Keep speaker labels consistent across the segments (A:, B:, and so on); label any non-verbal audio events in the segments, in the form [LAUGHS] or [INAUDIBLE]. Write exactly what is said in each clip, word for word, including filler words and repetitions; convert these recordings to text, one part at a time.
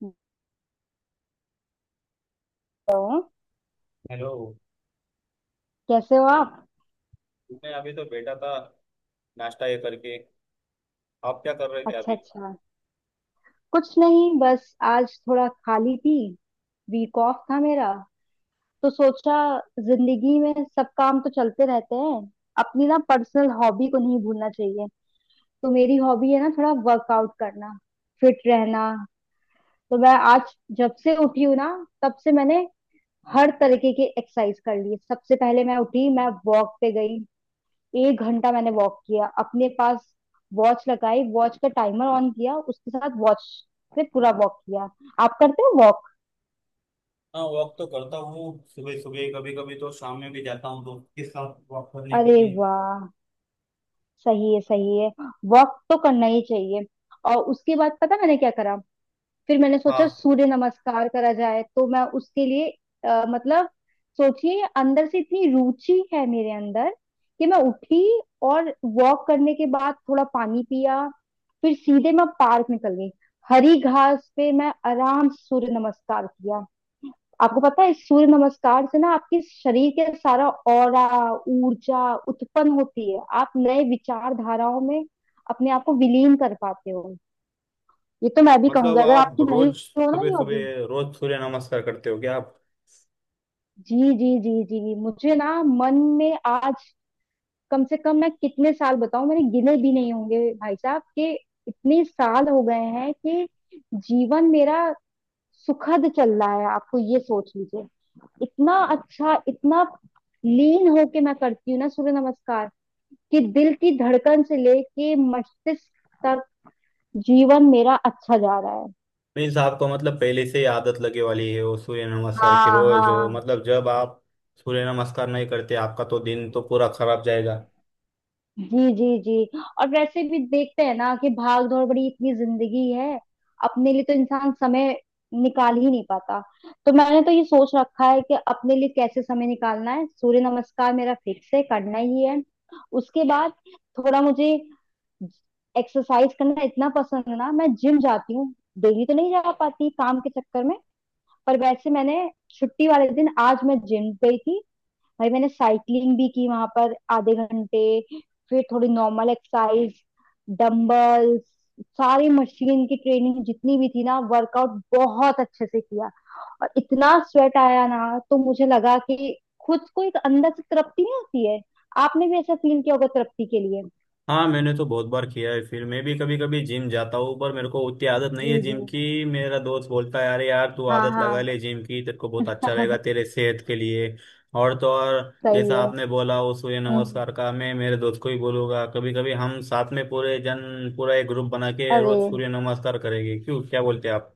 A: तो
B: हेलो।
A: कैसे हो आप।
B: मैं अभी तो बैठा था, नाश्ता ये करके। आप क्या कर रहे थे
A: अच्छा
B: अभी?
A: अच्छा, कुछ नहीं, बस आज थोड़ा खाली थी। वीक ऑफ था मेरा, तो सोचा जिंदगी में सब काम तो चलते रहते हैं, अपनी ना पर्सनल हॉबी को नहीं भूलना चाहिए। तो मेरी हॉबी है ना थोड़ा वर्कआउट करना, फिट रहना। तो मैं आज जब से उठी हूँ ना, तब से मैंने हर तरीके की एक्सरसाइज कर ली। सबसे पहले मैं उठी, मैं वॉक पे गई, एक घंटा मैंने वॉक किया। अपने पास वॉच लगाई, वॉच का टाइमर ऑन किया, उसके साथ वॉच से पूरा वॉक किया। आप करते हो वॉक?
B: हाँ, वॉक तो करता हूँ। सुबह सुबह, कभी कभी तो शाम में भी जाता हूँ दोस्त के साथ वॉक करने के
A: अरे
B: लिए।
A: वाह, सही है सही है, वॉक तो करना ही चाहिए। और उसके बाद पता मैंने क्या करा, फिर मैंने सोचा
B: हाँ
A: सूर्य नमस्कार करा जाए। तो मैं उसके लिए अ, मतलब सोचिए, अंदर से इतनी रुचि है मेरे अंदर कि मैं उठी और वॉक करने के बाद थोड़ा पानी पिया, फिर सीधे मैं पार्क निकल गई। हरी घास पे मैं आराम से सूर्य नमस्कार किया। आपको पता है इस सूर्य नमस्कार से ना आपके शरीर के सारा ऑरा, ऊर्जा उत्पन्न होती है। आप नए विचारधाराओं में अपने आप को विलीन कर पाते हो। ये तो मैं भी
B: मतलब
A: कहूंगी, अगर
B: आप
A: आपकी नहीं
B: रोज
A: हो ना ये
B: सुबह
A: हॉबी।
B: सुबह रोज सूर्य नमस्कार करते हो क्या आप?
A: जी जी जी जी, मुझे ना मन में आज, कम से कम मैं कितने साल बताऊं, मैंने गिने भी नहीं होंगे भाई साहब, कि इतने साल हो गए हैं कि जीवन मेरा सुखद चल रहा है, आपको ये सोच लीजिए। इतना अच्छा, इतना लीन होके मैं करती हूँ ना सूर्य नमस्कार, कि दिल की धड़कन से लेके मस्तिष्क तक जीवन मेरा अच्छा जा रहा है।
B: मीन्स आपको मतलब पहले से ही आदत लगे वाली है वो सूर्य नमस्कार की
A: हाँ
B: रोज हो।
A: हाँ।
B: मतलब जब आप सूर्य नमस्कार नहीं करते आपका तो दिन तो पूरा खराब जाएगा।
A: जी जी जी, और वैसे भी देखते हैं ना कि भाग दौड़ बड़ी इतनी जिंदगी है, अपने लिए तो इंसान समय निकाल ही नहीं पाता। तो मैंने तो ये सोच रखा है कि अपने लिए कैसे समय निकालना है। सूर्य नमस्कार मेरा फिक्स है, करना ही है। उसके बाद थोड़ा मुझे एक्सरसाइज करना इतना पसंद है ना, मैं जिम जाती हूँ, डेली तो नहीं जा पाती काम के चक्कर में, पर वैसे मैंने छुट्टी वाले दिन आज मैं जिम गई थी भाई। मैंने साइकिलिंग भी की वहां पर आधे घंटे, फिर थोड़ी नॉर्मल एक्सरसाइज, डंबल्स, सारी मशीन की ट्रेनिंग जितनी भी थी ना, वर्कआउट बहुत अच्छे से किया। और इतना स्वेट आया ना, तो मुझे लगा कि खुद को एक अंदर से तृप्ति नहीं होती है। आपने भी ऐसा फील किया होगा तृप्ति के लिए।
B: हाँ, मैंने तो बहुत बार किया है। फिर मैं भी कभी कभी जिम जाता हूँ, पर मेरे को उतनी आदत नहीं
A: जी
B: है
A: जी,
B: जिम की। मेरा दोस्त बोलता है अरे यार तू
A: हाँ
B: आदत लगा
A: हाँ।
B: ले जिम की, तेरे को बहुत अच्छा रहेगा
A: [LAUGHS]
B: तेरे सेहत के लिए। और तो और,
A: सही
B: जैसा
A: है।
B: आपने बोला वो सूर्य
A: हम्म।
B: नमस्कार का, मैं मेरे दोस्त को ही बोलूंगा। कभी कभी हम साथ में पूरे जन, पूरा एक ग्रुप बना के
A: अरे,
B: रोज सूर्य नमस्कार करेंगे। क्यों, क्या बोलते हैं आप?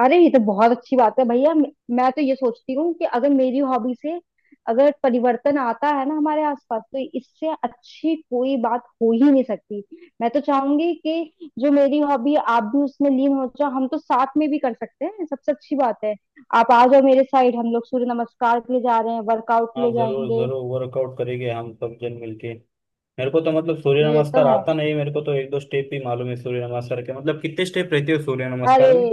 A: अरे ये तो बहुत अच्छी बात है भैया। मैं मैं तो ये सोचती हूँ कि अगर मेरी हॉबी से, अगर परिवर्तन आता है ना हमारे आसपास, तो इससे अच्छी कोई बात हो ही नहीं सकती। मैं तो चाहूंगी कि जो मेरी हॉबी है, आप भी उसमें लीन हो जाओ। हम तो साथ में भी कर सकते हैं, सबसे अच्छी बात है। आप आ जाओ मेरे साइड, हम लोग सूर्य नमस्कार के लिए जा रहे हैं, वर्कआउट के
B: हाँ
A: लिए
B: जरूर
A: जाएंगे।
B: जरूर, वर्कआउट करेंगे हम सब जन मिलके। मेरे को तो मतलब सूर्य
A: ये तो
B: नमस्कार
A: है।
B: आता नहीं। मेरे को तो एक दो स्टेप ही मालूम है सूर्य नमस्कार के। मतलब कितने स्टेप रहते हो सूर्य
A: अरे,
B: नमस्कार में?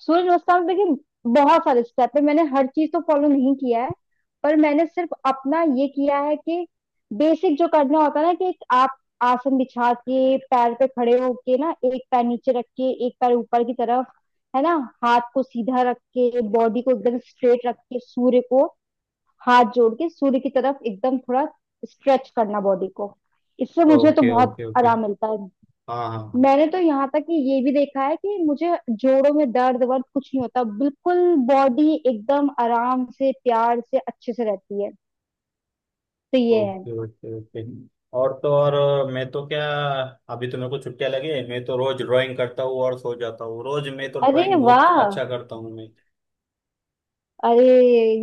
A: सूर्य नमस्कार में देखिए बहुत सारे स्टेप है, मैंने हर चीज तो फॉलो नहीं किया है, पर मैंने सिर्फ अपना ये किया है कि बेसिक जो करना होता है ना, कि एक आप आसन बिछा के पैर पे खड़े होके ना, एक पैर नीचे रख के एक पैर ऊपर की तरफ, है ना। हाथ को सीधा रख के, बॉडी को एकदम स्ट्रेट रख के, सूर्य को हाथ जोड़ के सूर्य की तरफ एकदम थोड़ा स्ट्रेच करना बॉडी को। इससे मुझे तो
B: ओके
A: बहुत
B: ओके ओके।
A: आराम मिलता है।
B: हाँ हाँ हाँ।
A: मैंने तो यहाँ तक कि ये भी देखा है कि मुझे जोड़ों में दर्द वर्द कुछ नहीं होता बिल्कुल। बॉडी एकदम आराम से, प्यार से, अच्छे से रहती है। तो ये है।
B: Okay okay okay. और तो और, मैं तो क्या, अभी तो मेरे को छुट्टियां लगी है। मैं तो रोज ड्राइंग करता हूँ और सो जाता हूँ। रोज मैं तो
A: अरे
B: ड्राइंग बहुत
A: वाह,
B: अच्छा करता हूँ मैं।
A: अरे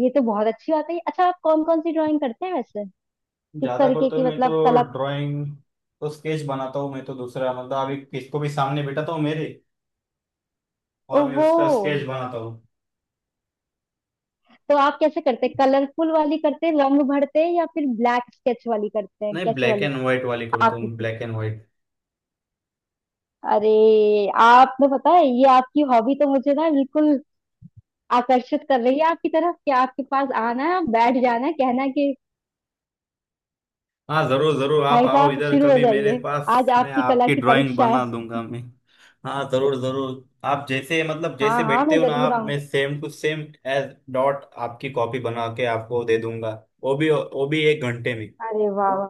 A: ये तो बहुत अच्छी बात है। अच्छा आप कौन कौन सी ड्राइंग करते हैं वैसे, किस
B: ज्यादा
A: तरीके
B: करता
A: की,
B: हूँ मैं
A: मतलब
B: तो
A: कला?
B: ड्राइंग। तो स्केच बनाता हूँ मैं तो। दूसरा मतलब अभी किसको भी सामने बिठाता हूँ मेरे, और मैं
A: ओहो,
B: उसका स्केच बनाता हूँ।
A: तो आप कैसे करते हैं, कलरफुल वाली करते हैं, रंग भरते हैं, या फिर ब्लैक स्केच वाली करते हैं,
B: नहीं,
A: कैसे
B: ब्लैक
A: वाली?
B: एंड व्हाइट वाली करता हूँ,
A: आकृति।
B: Black and white.
A: अरे, आपने पता है ये आपकी हॉबी तो मुझे ना बिल्कुल आकर्षित कर रही है आपकी तरफ, कि आपके पास आना है, आप बैठ जाना है, कहना है कि
B: हाँ जरूर जरूर, आप
A: भाई
B: आओ
A: साहब
B: इधर
A: शुरू हो
B: कभी मेरे
A: जाइए, आज
B: पास, मैं
A: आपकी कला
B: आपकी
A: की
B: ड्राइंग
A: परीक्षा है।
B: बना दूंगा मैं। हाँ जरूर जरूर। आप जैसे मतलब
A: हाँ
B: जैसे
A: हाँ,
B: बैठते
A: मैं
B: हो ना
A: जरूर
B: आप, मैं
A: आऊंगी।
B: Same to same as that आपकी कॉपी बना के आपको दे दूंगा। वो भी, वो भी एक घंटे में।
A: अरे वाह वाह,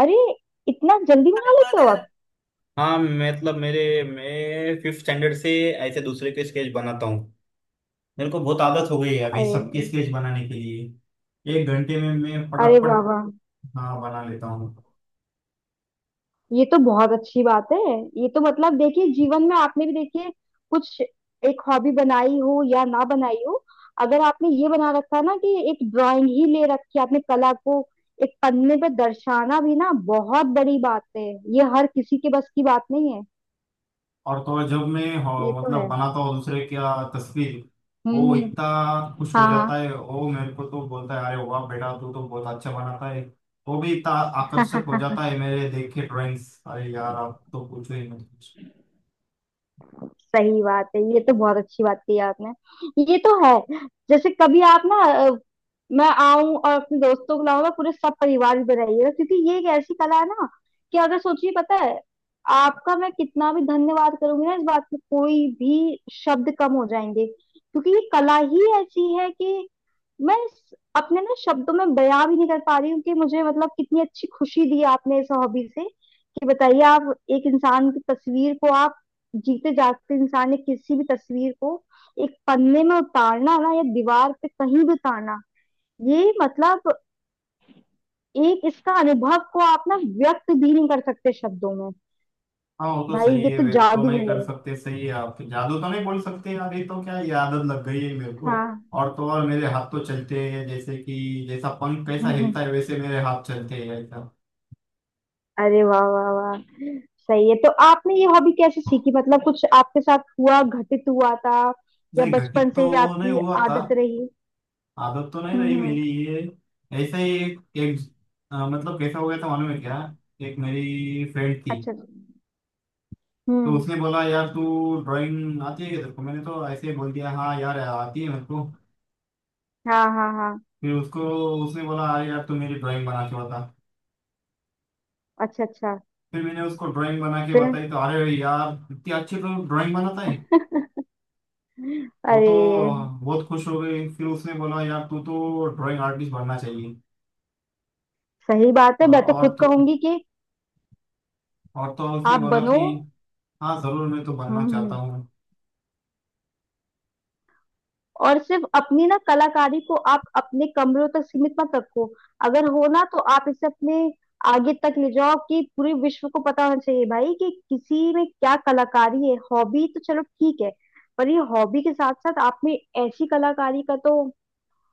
A: अरे इतना जल्दी बना लेते हो आप?
B: हाँ मतलब मेरे, मैं फिफ्थ स्टैंडर्ड से ऐसे दूसरे के स्केच बनाता हूँ। मेरे को बहुत आदत हो गई है। अभी सबके
A: अरे,
B: स्केच बनाने के लिए एक घंटे में मैं
A: अरे वाह
B: फटाफट,
A: वाह,
B: हाँ, बना लेता हूँ।
A: ये तो बहुत अच्छी बात है। ये तो मतलब देखिए, जीवन में आपने भी देखिए कुछ एक हॉबी बनाई हो या ना बनाई हो, अगर आपने ये बना रखा ना कि एक ड्राइंग ही ले रखी, आपने कला को एक पन्ने पर दर्शाना भी ना बहुत बड़ी बात है। ये हर किसी के बस की बात नहीं है।
B: और तो जब मैं हो,
A: ये तो
B: मतलब
A: है।
B: बनाता हूँ दूसरे क्या तस्वीर, वो
A: हम्म हम्म,
B: इतना खुश हो जाता
A: हाँ
B: है। वो मेरे को तो बोलता है अरे वाह बेटा तू तो बहुत अच्छा बनाता है। वो भी इतना आकर्षक हो जाता
A: हाँ।
B: है मेरे देख के ड्राइंग्स। अरे यार आप तो पूछो ही मत कुछ।
A: [LAUGHS] सही बात है, ये तो बहुत अच्छी बात की आपने। ये तो है। जैसे कभी आप ना, मैं आऊं और अपने दोस्तों को लाऊंगा, पूरे सब परिवार भी बनाइएगा, क्योंकि ये एक ऐसी कला है ना, कि अगर सोचिए पता है, आपका मैं कितना भी धन्यवाद करूंगी ना, इस बात के कोई भी शब्द कम हो जाएंगे, क्योंकि ये कला ही ऐसी है कि मैं इस- अपने ना शब्दों में बयां भी नहीं कर पा रही हूँ कि मुझे, मतलब कितनी अच्छी खुशी दी आपने इस हॉबी से। कि बताइए आप, एक इंसान की तस्वीर को आप, जीते जागते इंसान ने किसी भी तस्वीर को एक पन्ने में उतारना ना, या दीवार पे कहीं भी उतारना, ये मतलब एक इसका अनुभव को आप ना व्यक्त भी नहीं कर सकते शब्दों में।
B: हाँ वो तो
A: भाई
B: सही
A: ये
B: है,
A: तो
B: वे तो
A: जादू
B: नहीं कर
A: है।
B: सकते। सही है, आप जादू तो नहीं बोल सकते यार। ये तो क्या, ये आदत लग गई है मेरे को।
A: हाँ।
B: और तो और, मेरे हाथ तो चलते हैं जैसे कि जैसा पंख कैसा हिलता है
A: [LAUGHS]
B: वैसे मेरे हाथ चलते हैं, ऐसा।
A: अरे वाह वाह वाह, सही है। तो आपने ये हॉबी कैसे सीखी, मतलब कुछ आपके साथ हुआ, घटित हुआ था, या
B: नहीं, घटित
A: बचपन से ही
B: तो नहीं
A: आपकी
B: हुआ था।
A: आदत रही?
B: आदत तो नहीं रही
A: हम्म हम्म,
B: मेरी ये। ऐसा ही एक, एक, अ, मतलब कैसा हो गया था मालूम है क्या? एक मेरी फ्रेंड थी।
A: अच्छा।
B: तो
A: हम्म।
B: उसने बोला यार तू ड्राइंग आती है क्या तेरे को? मैंने तो ऐसे ही बोल दिया हाँ यार आती है मेरे को।
A: हाँ हाँ हाँ।
B: फिर उसको, उसने बोला अरे यार तू मेरी ड्राइंग बना के बता।
A: अच्छा अच्छा।
B: फिर मैंने उसको ड्राइंग बना के
A: फिर?
B: बताई तो अरे यार इतनी अच्छी तो ड्राइंग बनाता है।
A: [LAUGHS]
B: वो तो
A: अरे।
B: बहुत खुश हो गई। फिर उसने बोला यार तू तो ड्राइंग आर्टिस्ट बनना चाहिए।
A: सही बात है,
B: और
A: मैं तो
B: और
A: खुद
B: तो,
A: कहूंगी कि
B: और तो उसने
A: आप
B: बोला
A: बनो।
B: कि हाँ जरूर मैं तो बनना चाहता
A: हम्म।
B: हूँ।
A: और सिर्फ अपनी ना कलाकारी को आप अपने कमरों तक सीमित मत रखो, अगर हो ना तो आप इसे अपने आगे तक ले जाओ, कि पूरे विश्व को पता होना चाहिए भाई कि किसी में क्या कलाकारी है। हॉबी तो चलो ठीक है, पर ये हॉबी के साथ साथ आप में ऐसी कलाकारी का तो,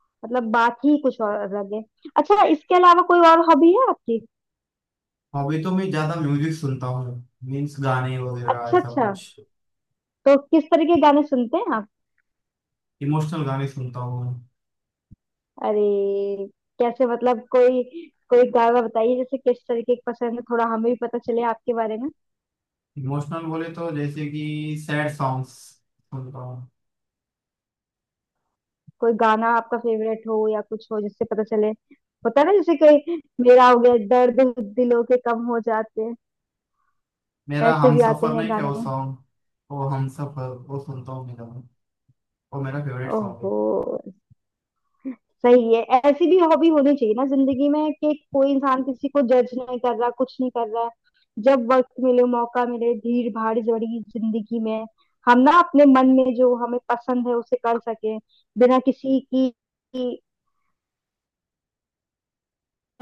A: मतलब बात ही कुछ और अलग है। अच्छा, इसके अलावा कोई और हॉबी है आपकी?
B: हॉबी तो मैं ज्यादा म्यूजिक सुनता हूँ। मीन्स गाने वगैरह
A: अच्छा
B: ऐसा
A: अच्छा,
B: कुछ।
A: तो किस तरह के गाने सुनते हैं आप?
B: इमोशनल गाने सुनता हूँ।
A: अरे, कैसे मतलब, कोई कोई गाना बताइए, जैसे किस तरीके की पसंद है, थोड़ा हमें भी पता चले आपके बारे में।
B: इमोशनल बोले तो जैसे कि सैड सॉन्ग्स सुनता हूँ।
A: कोई गाना आपका फेवरेट हो, या कुछ हो जिससे पता चले। होता है ना जैसे कोई, मेरा हो गया दर्द दिलों के कम हो जाते हैं,
B: मेरा
A: ऐसे
B: हम
A: भी आते
B: सफर
A: हैं
B: नहीं, क्या
A: गाने।
B: वो सॉन्ग? वो हम सफर वो सुनता हूँ मेरा मैं। वो मेरा फेवरेट सॉन्ग है।
A: ओहो, सही है। ऐसी भी हॉबी होनी चाहिए ना जिंदगी में, कि कोई इंसान किसी को जज नहीं कर रहा, कुछ नहीं कर रहा है। जब वक्त मिले, मौका मिले, भीड़ भाड़ भरी जिंदगी में हम ना अपने मन में जो हमें पसंद है उसे कर सके, बिना किसी की की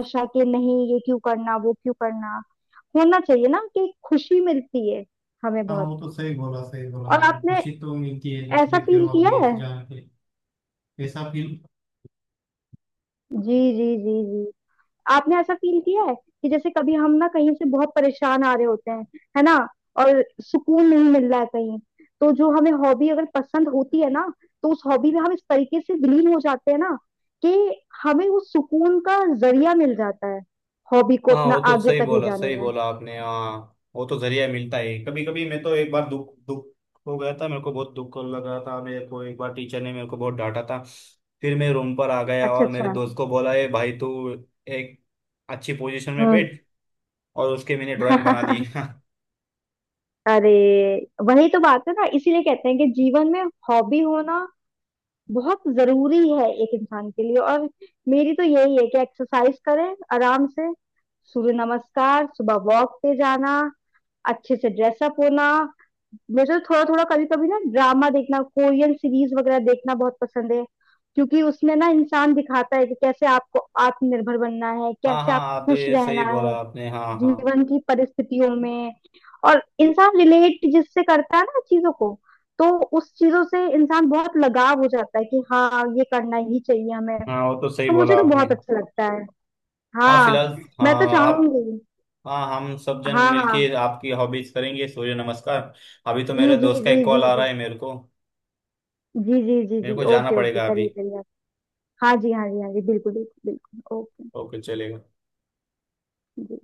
A: आशा के, नहीं ये क्यों करना, वो क्यों करना। होना चाहिए ना, कि खुशी मिलती है हमें
B: हाँ
A: बहुत।
B: वो तो सही बोला सही बोला
A: और
B: आपने।
A: आपने
B: खुशी तो मिलती है
A: ऐसा
B: दूसरे के
A: फील किया है?
B: हॉबीज जान के। ऐसा फील।
A: जी जी जी जी, आपने ऐसा फील किया है कि जैसे कभी हम ना कहीं से बहुत परेशान आ रहे होते हैं, है ना, और सुकून नहीं मिल रहा है कहीं, तो जो हमें हॉबी अगर पसंद होती है ना, तो उस हॉबी में हम इस तरीके से विलीन हो जाते हैं ना, कि हमें उस सुकून का जरिया मिल जाता है, हॉबी को
B: हाँ
A: अपना
B: वो तो
A: आगे
B: सही
A: तक ले
B: बोला सही
A: जाने में।
B: बोला आपने, हाँ। वो तो जरिया मिलता है। कभी कभी, मैं तो एक बार दुख दुख हो गया था, मेरे को बहुत दुख लग रहा था। मेरे को एक बार टीचर ने मेरे को बहुत डांटा था। फिर मैं रूम पर आ गया
A: अच्छा अच्छा।
B: और मेरे दोस्त को बोला ए भाई तू एक अच्छी पोजीशन में
A: हम्म।
B: बैठ, और उसके मैंने ड्राइंग बना दी।
A: [LAUGHS]
B: [LAUGHS]
A: अरे, वही तो बात है ना, इसीलिए कहते हैं कि जीवन में हॉबी होना बहुत जरूरी है एक इंसान के लिए। और मेरी तो यही है कि एक्सरसाइज करें आराम से, सूर्य नमस्कार, सुबह वॉक पे जाना, अच्छे से ड्रेसअप होना। मुझे थोड़ा थोड़ा कभी कभी ना ड्रामा देखना, कोरियन सीरीज वगैरह देखना बहुत पसंद है, क्योंकि उसमें ना इंसान दिखाता है कि कैसे आपको आत्मनिर्भर बनना है,
B: हाँ
A: कैसे
B: हाँ,
A: आप
B: आप
A: खुश
B: ये सही
A: रहना
B: बोला
A: है
B: आपने, हाँ हाँ।
A: जीवन की परिस्थितियों में। और इंसान रिलेट जिससे करता है ना चीजों को, तो उस चीजों से इंसान बहुत लगाव हो जाता है, कि हाँ ये करना ही चाहिए हमें।
B: हाँ वो तो सही
A: तो मुझे
B: बोला
A: तो
B: आपने।
A: बहुत अच्छा लगता है।
B: हाँ
A: हाँ।
B: फिलहाल,
A: मैं तो
B: हाँ आप,
A: चाहूंगी।
B: हाँ हम सब जन
A: हाँ
B: मिलके
A: हाँ।
B: आपकी हॉबीज करेंगे, सूर्य नमस्कार। अभी तो
A: जी
B: मेरे
A: जी
B: दोस्त का
A: जी
B: एक
A: जी
B: कॉल आ
A: जी।
B: रहा है मेरे को।
A: जी जी जी
B: मेरे
A: जी
B: को जाना
A: ओके ओके,
B: पड़ेगा अभी।
A: करिए करिए आप। हाँ जी, हाँ जी, हाँ जी, बिल्कुल बिल्कुल बिल्कुल ओके।
B: ओके चलेगा।
A: जी।